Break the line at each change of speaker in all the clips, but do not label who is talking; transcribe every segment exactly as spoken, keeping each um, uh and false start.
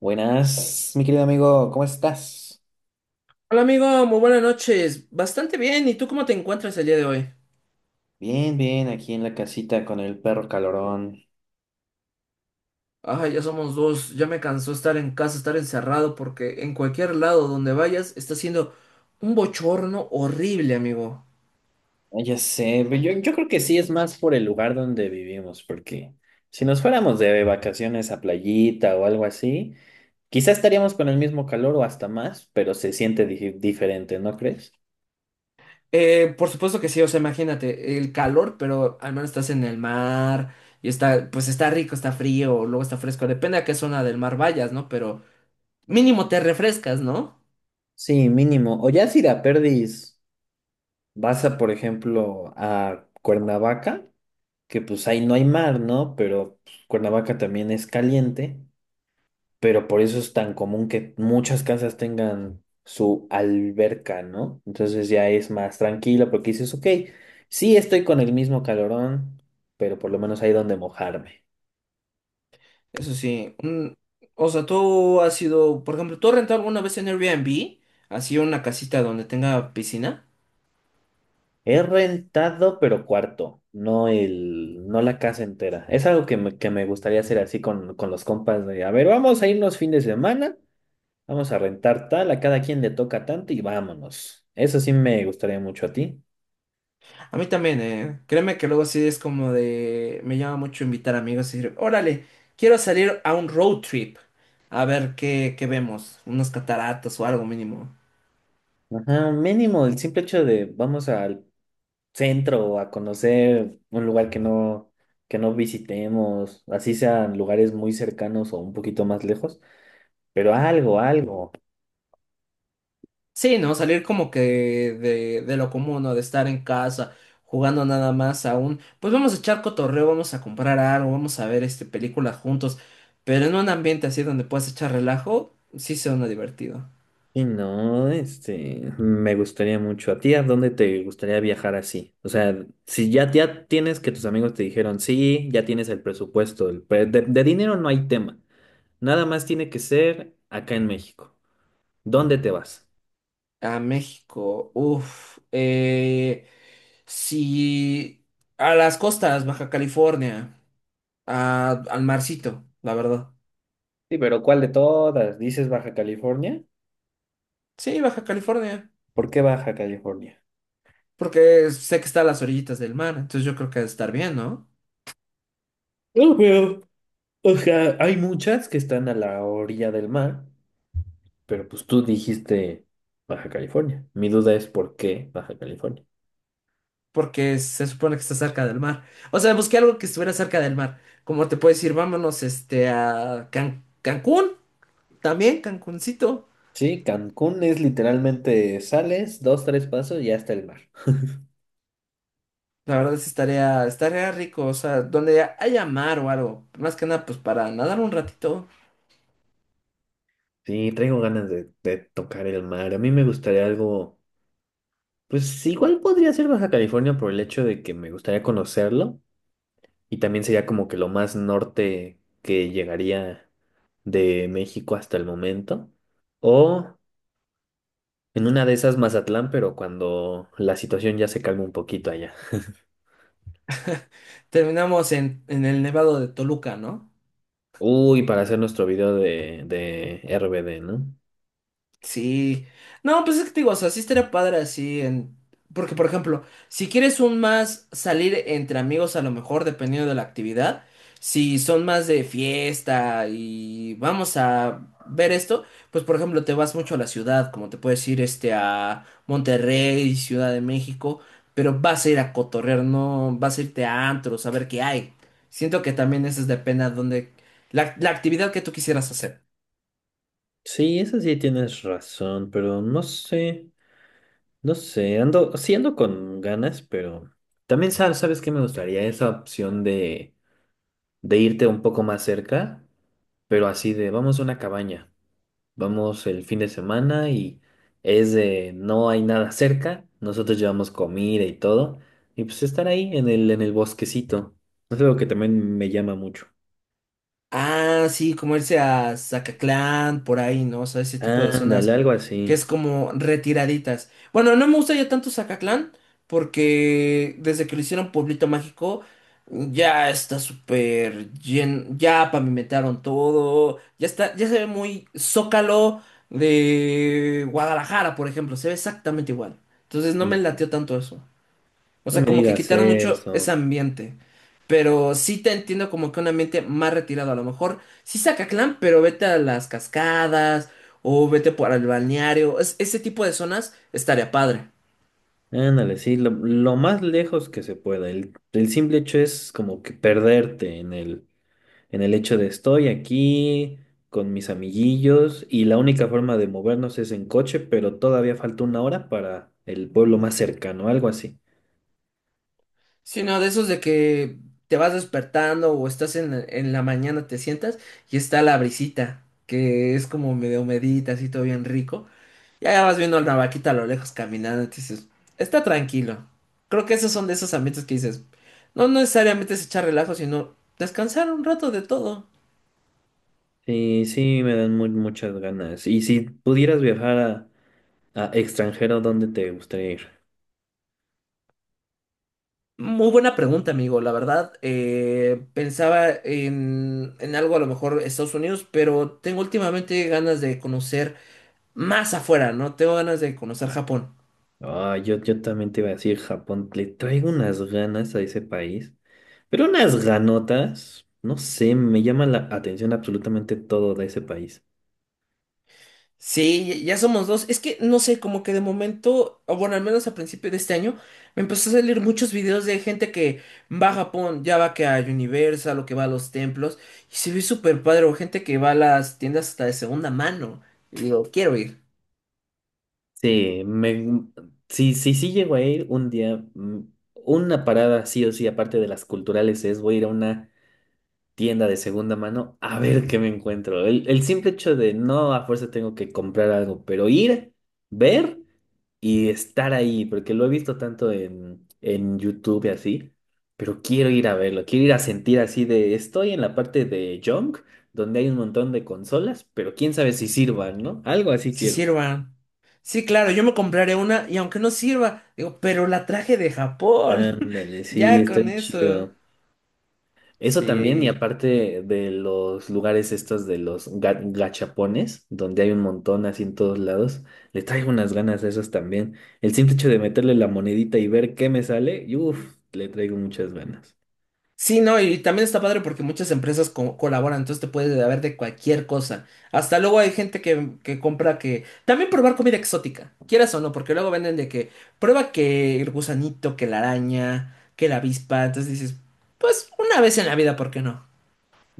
Buenas, mi querido amigo, ¿cómo estás?
Hola amigo, muy buenas noches. Bastante bien, ¿y tú cómo te encuentras el día de hoy?
Bien, bien, aquí en la casita con el perro calorón.
Ay, ya somos dos, ya me cansó estar en casa, estar encerrado, porque en cualquier lado donde vayas está siendo un bochorno horrible, amigo.
Ah, ya sé, pero yo, yo creo que sí es más por el lugar donde vivimos, porque si nos fuéramos de vacaciones a playita o algo así, quizás estaríamos con el mismo calor o hasta más, pero se siente di- diferente, ¿no crees?
Eh, por supuesto que sí, o sea, imagínate, el calor, pero al menos estás en el mar y está, pues está rico, está frío, luego está fresco, depende a qué zona del mar vayas, ¿no? Pero mínimo te refrescas, ¿no?
Sí, mínimo. O ya si de a perdis vas a, por ejemplo, a Cuernavaca, que pues ahí no hay mar, ¿no? Pero pues, Cuernavaca también es caliente. Pero por eso es tan común que muchas casas tengan su alberca, ¿no? Entonces ya es más tranquila porque dices, ok, sí estoy con el mismo calorón, pero por lo menos hay donde mojarme.
Eso sí, un- o sea, tú has sido, por ejemplo, ¿tú has rentado alguna vez en Airbnb? Así una casita donde tenga piscina.
He rentado, pero cuarto, no el, no la casa entera. Es algo que me, que me gustaría hacer así con, con los compas de, a ver, vamos a irnos fin de semana, vamos a rentar tal, a cada quien le toca tanto y vámonos. Eso sí me gustaría mucho a ti.
A mí también, eh. Créeme que luego así es como de, me llama mucho invitar amigos y decir, órale, quiero salir a un road trip. A ver qué, qué vemos, unas cataratas o algo mínimo.
Ajá, mínimo, el simple hecho de vamos a centro o a conocer un lugar que no, que no visitemos, así sean lugares muy cercanos o un poquito más lejos, pero algo, algo.
Sí, ¿no? Salir como que de, de lo común, ¿no? De estar en casa jugando nada más aún. Pues vamos a echar cotorreo, vamos a comprar algo, vamos a ver este películas juntos. Pero en un ambiente así donde puedas echar relajo, sí suena divertido.
Y no, este, me gustaría mucho. ¿A ti a dónde te gustaría viajar así? O sea, si ya, ya tienes que tus amigos te dijeron, sí, ya tienes el presupuesto, el pre- de, de dinero no hay tema, nada más tiene que ser acá en México. ¿Dónde te vas?
A México, uff. Eh, sí, a las costas, Baja California, a- al marcito, la verdad.
Sí, pero ¿cuál de todas? ¿Dices Baja California?
Sí, Baja California,
¿Por qué Baja California?
porque sé que está a las orillitas del mar, entonces yo creo que ha de estar bien, ¿no?
O sea, hay muchas que están a la orilla del mar, pero pues tú dijiste Baja California. Mi duda es ¿por qué Baja California?
Porque se supone que está cerca del mar. O sea, busqué algo que estuviera cerca del mar. Como te puedo decir, vámonos este a Can- Cancún, también Cancuncito.
Sí, Cancún es literalmente sales, dos, tres pasos y ya está el mar.
La verdad sí estaría, estaría rico, o sea, donde haya mar o algo. Más que nada, pues para nadar un ratito.
Sí, traigo ganas de, de tocar el mar. A mí me gustaría algo, pues igual podría ser Baja California por el hecho de que me gustaría conocerlo y también sería como que lo más norte que llegaría de México hasta el momento. O... En una de esas Mazatlán, pero cuando la situación ya se calma un poquito allá.
Terminamos en, en el Nevado de Toluca, ¿no?
Uy, para hacer nuestro video de, de R B D, ¿no?
Sí. No, pues es que te digo, o sea, sí estaría padre así en... Porque, por ejemplo, si quieres un más salir entre amigos, a lo mejor, dependiendo de la actividad, si son más de fiesta y vamos a ver esto, pues, por ejemplo, te vas mucho a la ciudad, como te puedes ir este a Monterrey, Ciudad de México, pero vas a ir a cotorrear, no vas a irte a antros, a ver qué hay. Siento que también eso es depende a dónde... La, la actividad que tú quisieras hacer.
Sí, esa sí tienes razón, pero no sé, no sé, ando, sí ando con ganas, pero también sabes sabes que me gustaría esa opción de, de irte un poco más cerca, pero así de, vamos a una cabaña. Vamos el fin de semana y es de no hay nada cerca. Nosotros llevamos comida y todo. Y pues estar ahí en el, en el bosquecito. Es algo que también me llama mucho.
Ah, sí, como irse a Zacatlán, por ahí, ¿no? O sea, ese tipo de
Ándale,
zonas
algo
que
así.
es como retiraditas. Bueno, no me gusta ya tanto Zacatlán, porque desde que lo hicieron Pueblito Mágico, ya está súper lleno, ya pavimentaron todo, ya está, ya se ve muy Zócalo de Guadalajara, por ejemplo, se ve exactamente igual. Entonces no me
Ujú.
lateó tanto eso. O
No
sea,
me
como que
digas
quitaron mucho ese
eso.
ambiente. Pero sí te entiendo como que un ambiente más retirado. A lo mejor sí saca clan, pero vete a las cascadas o vete por el balneario. Es- ese tipo de zonas estaría padre.
Ándale, sí, lo, lo más lejos que se pueda. El, el simple hecho es como que perderte en el, en el hecho de estoy aquí con mis amiguillos y la única forma de movernos es en coche, pero todavía falta una hora para el pueblo más cercano, algo así.
Sino de esos de que te vas despertando o estás en, en la mañana, te sientas y está la brisita, que es como medio medita, así todo bien rico. Ya vas viendo la vaquita a lo lejos caminando y te dices, está tranquilo. Creo que esos son de esos ambientes que dices, no necesariamente es echar relajo, sino descansar un rato de todo.
Sí, sí, me dan mu- muchas ganas. Y si pudieras viajar a, a extranjero, ¿dónde te gustaría ir?
Muy buena pregunta, amigo. La verdad, eh, pensaba en, en algo a lo mejor Estados Unidos, pero tengo últimamente ganas de conocer más afuera, ¿no? Tengo ganas de conocer Japón.
Ah, yo, yo también te iba a decir Japón, le traigo unas ganas a ese país, pero unas ganotas, no sé, me llama la atención absolutamente todo de ese país.
Sí, ya somos dos. Es que no sé, como que de momento, o bueno, al menos a principio de este año, me empezó a salir muchos videos de gente que va a Japón, ya va que a Universal o que va a los templos, y se ve súper padre, o gente que va a las tiendas hasta de segunda mano. Y digo, quiero ir,
Sí, me, sí, sí, sí llego a ir un día, mm, una parada sí o sí, aparte de las culturales, es voy a ir a una tienda de segunda mano a ver qué me encuentro. El, el simple hecho de no a fuerza tengo que comprar algo, pero ir, ver y estar ahí, porque lo he visto tanto en, en YouTube y así, pero quiero ir a verlo, quiero ir a sentir así de, estoy en la parte de junk, donde hay un montón de consolas, pero quién sabe si sirvan, ¿no? Algo así
si
quiero.
sirvan. Sí, claro, yo me compraré una, y aunque no sirva, digo, pero la traje de Japón.
Ándale, sí,
Ya
está
con
bien
eso.
chido. Eso también, y
Sí,
aparte de los lugares estos de los ga- gachapones, donde hay un montón así en todos lados, le traigo unas ganas a esos también. El simple hecho de meterle la monedita y ver qué me sale, y uff, le traigo muchas ganas.
sí, no, y también está padre porque muchas empresas co- colaboran, entonces te puedes haber de cualquier cosa. Hasta luego hay gente que, que compra que... También probar comida exótica, quieras o no, porque luego venden de que prueba que el gusanito, que la araña, que la avispa, entonces dices, pues una vez en la vida, ¿por qué no?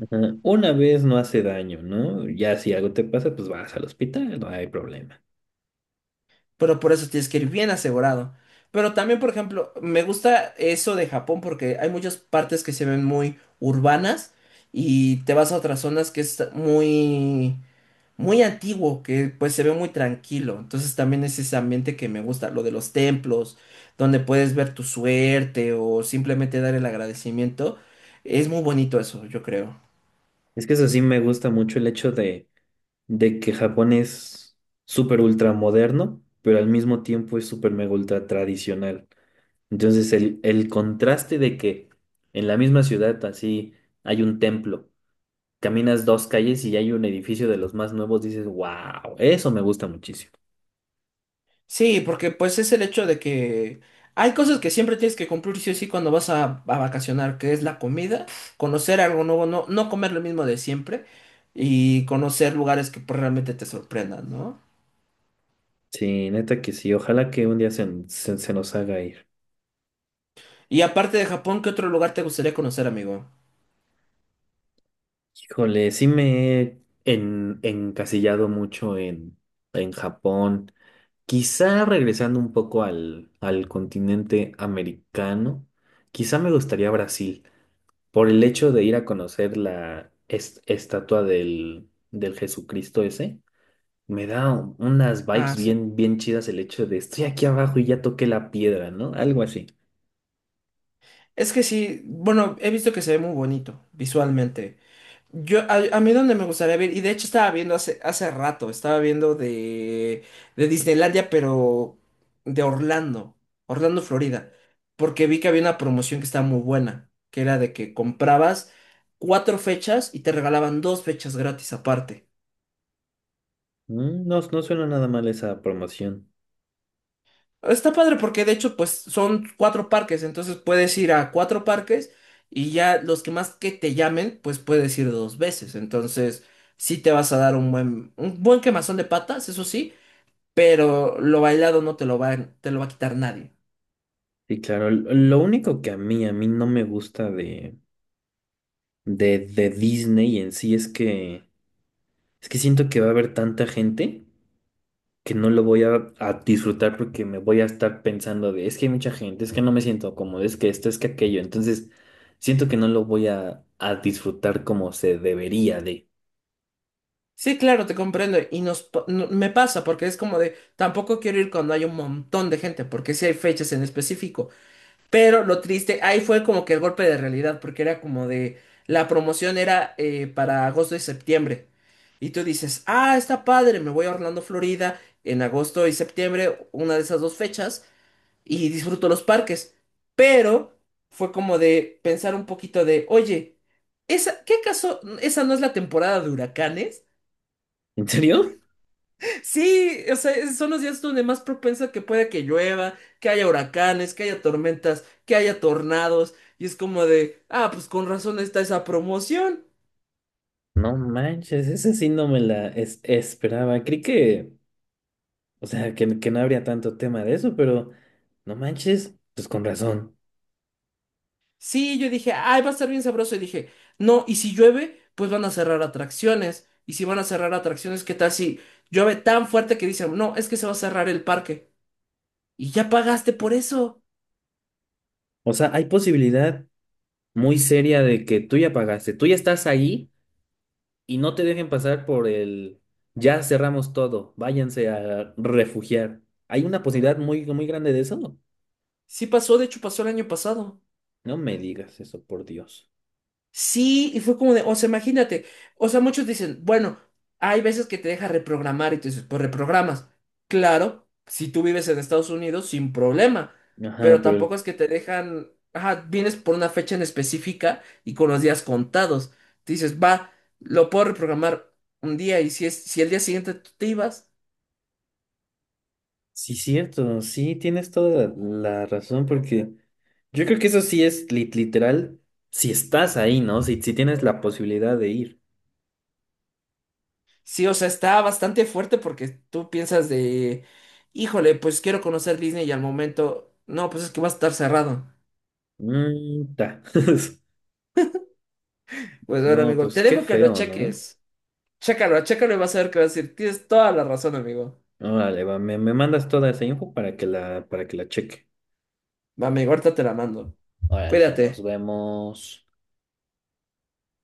Ajá. Una vez no hace daño, ¿no? Ya si algo te pasa, pues vas al hospital, no hay problema.
Pero por eso tienes que ir bien asegurado. Pero también, por ejemplo, me gusta eso de Japón porque hay muchas partes que se ven muy urbanas y te vas a otras zonas que es muy muy antiguo, que pues se ve muy tranquilo. Entonces también es ese ambiente que me gusta, lo de los templos, donde puedes ver tu suerte o simplemente dar el agradecimiento. Es muy bonito eso, yo creo.
Es que eso sí me gusta mucho el hecho de, de que Japón es súper ultra moderno, pero al mismo tiempo es súper mega ultra tradicional. Entonces, el, el contraste de que en la misma ciudad así hay un templo, caminas dos calles y hay un edificio de los más nuevos, dices, wow, eso me gusta muchísimo.
Sí, porque pues es el hecho de que hay cosas que siempre tienes que cumplir sí o sí cuando vas a, a vacacionar, que es la comida, conocer algo nuevo, no, no comer lo mismo de siempre y conocer lugares que pues, realmente te sorprendan, ¿no?
Sí, neta que sí, ojalá que un día se, se, se nos haga ir.
Y aparte de Japón, ¿qué otro lugar te gustaría conocer, amigo?
Híjole, sí me he en- encasillado mucho en, en Japón, quizá regresando un poco al, al continente americano, quizá me gustaría Brasil. Por el hecho de ir a conocer la es- estatua del, del Jesucristo ese, me da u- unas vibes
Ah, sí.
bien, bien chidas el hecho de estoy aquí abajo y ya toqué la piedra, ¿no? Algo así.
Es que sí, bueno, he visto que se ve muy bonito visualmente. Yo, a, a mí donde me gustaría ver, y de hecho estaba viendo hace, hace rato, estaba viendo de, de Disneylandia, pero de Orlando, Orlando, Florida, porque vi que había una promoción que estaba muy buena, que era de que comprabas cuatro fechas y te regalaban dos fechas gratis aparte.
Mm, no, no suena nada mal esa promoción.
Está padre porque de hecho pues son cuatro parques, entonces puedes ir a cuatro parques y ya los que más que te llamen pues puedes ir dos veces, entonces sí te vas a dar un buen, un buen quemazón de patas, eso sí, pero lo bailado no te lo va, a- te lo va a quitar nadie.
Sí, claro. L- Lo único que a mí, a mí no me gusta de, de, de Disney en sí es que, es que siento que va a haber tanta gente que no lo voy a, a disfrutar porque me voy a estar pensando de, es que hay mucha gente, es que no me siento cómodo, es que esto, es que aquello. Entonces, siento que no lo voy a, a disfrutar como se debería de.
Sí, claro, te comprendo y nos, pa- no- me pasa porque es como de tampoco quiero ir cuando hay un montón de gente porque sí hay fechas en específico. Pero lo triste, ahí fue como que el golpe de realidad, porque era como de, la promoción era eh, para agosto y septiembre. Y tú dices, ah, está padre, me voy a Orlando, Florida, en agosto y septiembre, una de esas dos fechas, y disfruto los parques. Pero fue como de pensar un poquito de, oye, ¿esa, qué acaso, esa no es la temporada de huracanes?
¿En serio?
Sí, o sea, es- son los días donde más propensa que pueda que llueva, que haya huracanes, que haya tormentas, que haya tornados. Y es como de, ah, pues con razón está esa promoción.
No manches, esa sí no me la es- esperaba. Creí que, o sea, que, que no habría tanto tema de eso, pero no manches, pues con razón.
Sí, yo dije, ay, va a estar bien sabroso. Y dije, no, y si llueve, pues van a cerrar atracciones. Y si van a cerrar atracciones, ¿qué tal si llueve tan fuerte que dicen, no, es que se va a cerrar el parque? Y ya pagaste por eso.
O sea, hay posibilidad muy seria de que tú ya pagaste, tú ya estás ahí. Y no te dejen pasar por el ya cerramos todo, váyanse a refugiar. Hay una posibilidad muy, muy grande de eso.
Sí pasó, de hecho pasó el año pasado.
No me digas eso, por Dios.
Sí, y fue como de, o sea, imagínate, o sea, muchos dicen, bueno, hay veces que te deja reprogramar y tú dices, pues reprogramas. Claro, si tú vives en Estados Unidos, sin problema,
Ajá,
pero tampoco
pero
es que te dejan, ajá, vienes por una fecha en específica y con los días contados. Te dices, va, lo puedo reprogramar un día y si es, si el día siguiente tú te ibas,
sí, cierto, sí, tienes toda la razón, porque yo creo que eso sí es li- literal, si estás ahí, ¿no? Si, si tienes la posibilidad de ir.
sí, o sea, está bastante fuerte porque tú piensas de, híjole, pues quiero conocer Disney y al momento, no, pues es que va a estar cerrado.
Mm, ta.
Pues bueno,
No,
amigo,
pues
te
qué
dejo que lo
feo, ¿no?
cheques. Chécalo, chécalo y vas a ver que vas a decir. Tienes toda la razón, amigo.
Órale, va, me, me mandas toda esa info para que la, para que la cheque.
Va, amigo, ahorita te la mando.
Órale, nos
Cuídate.
vemos.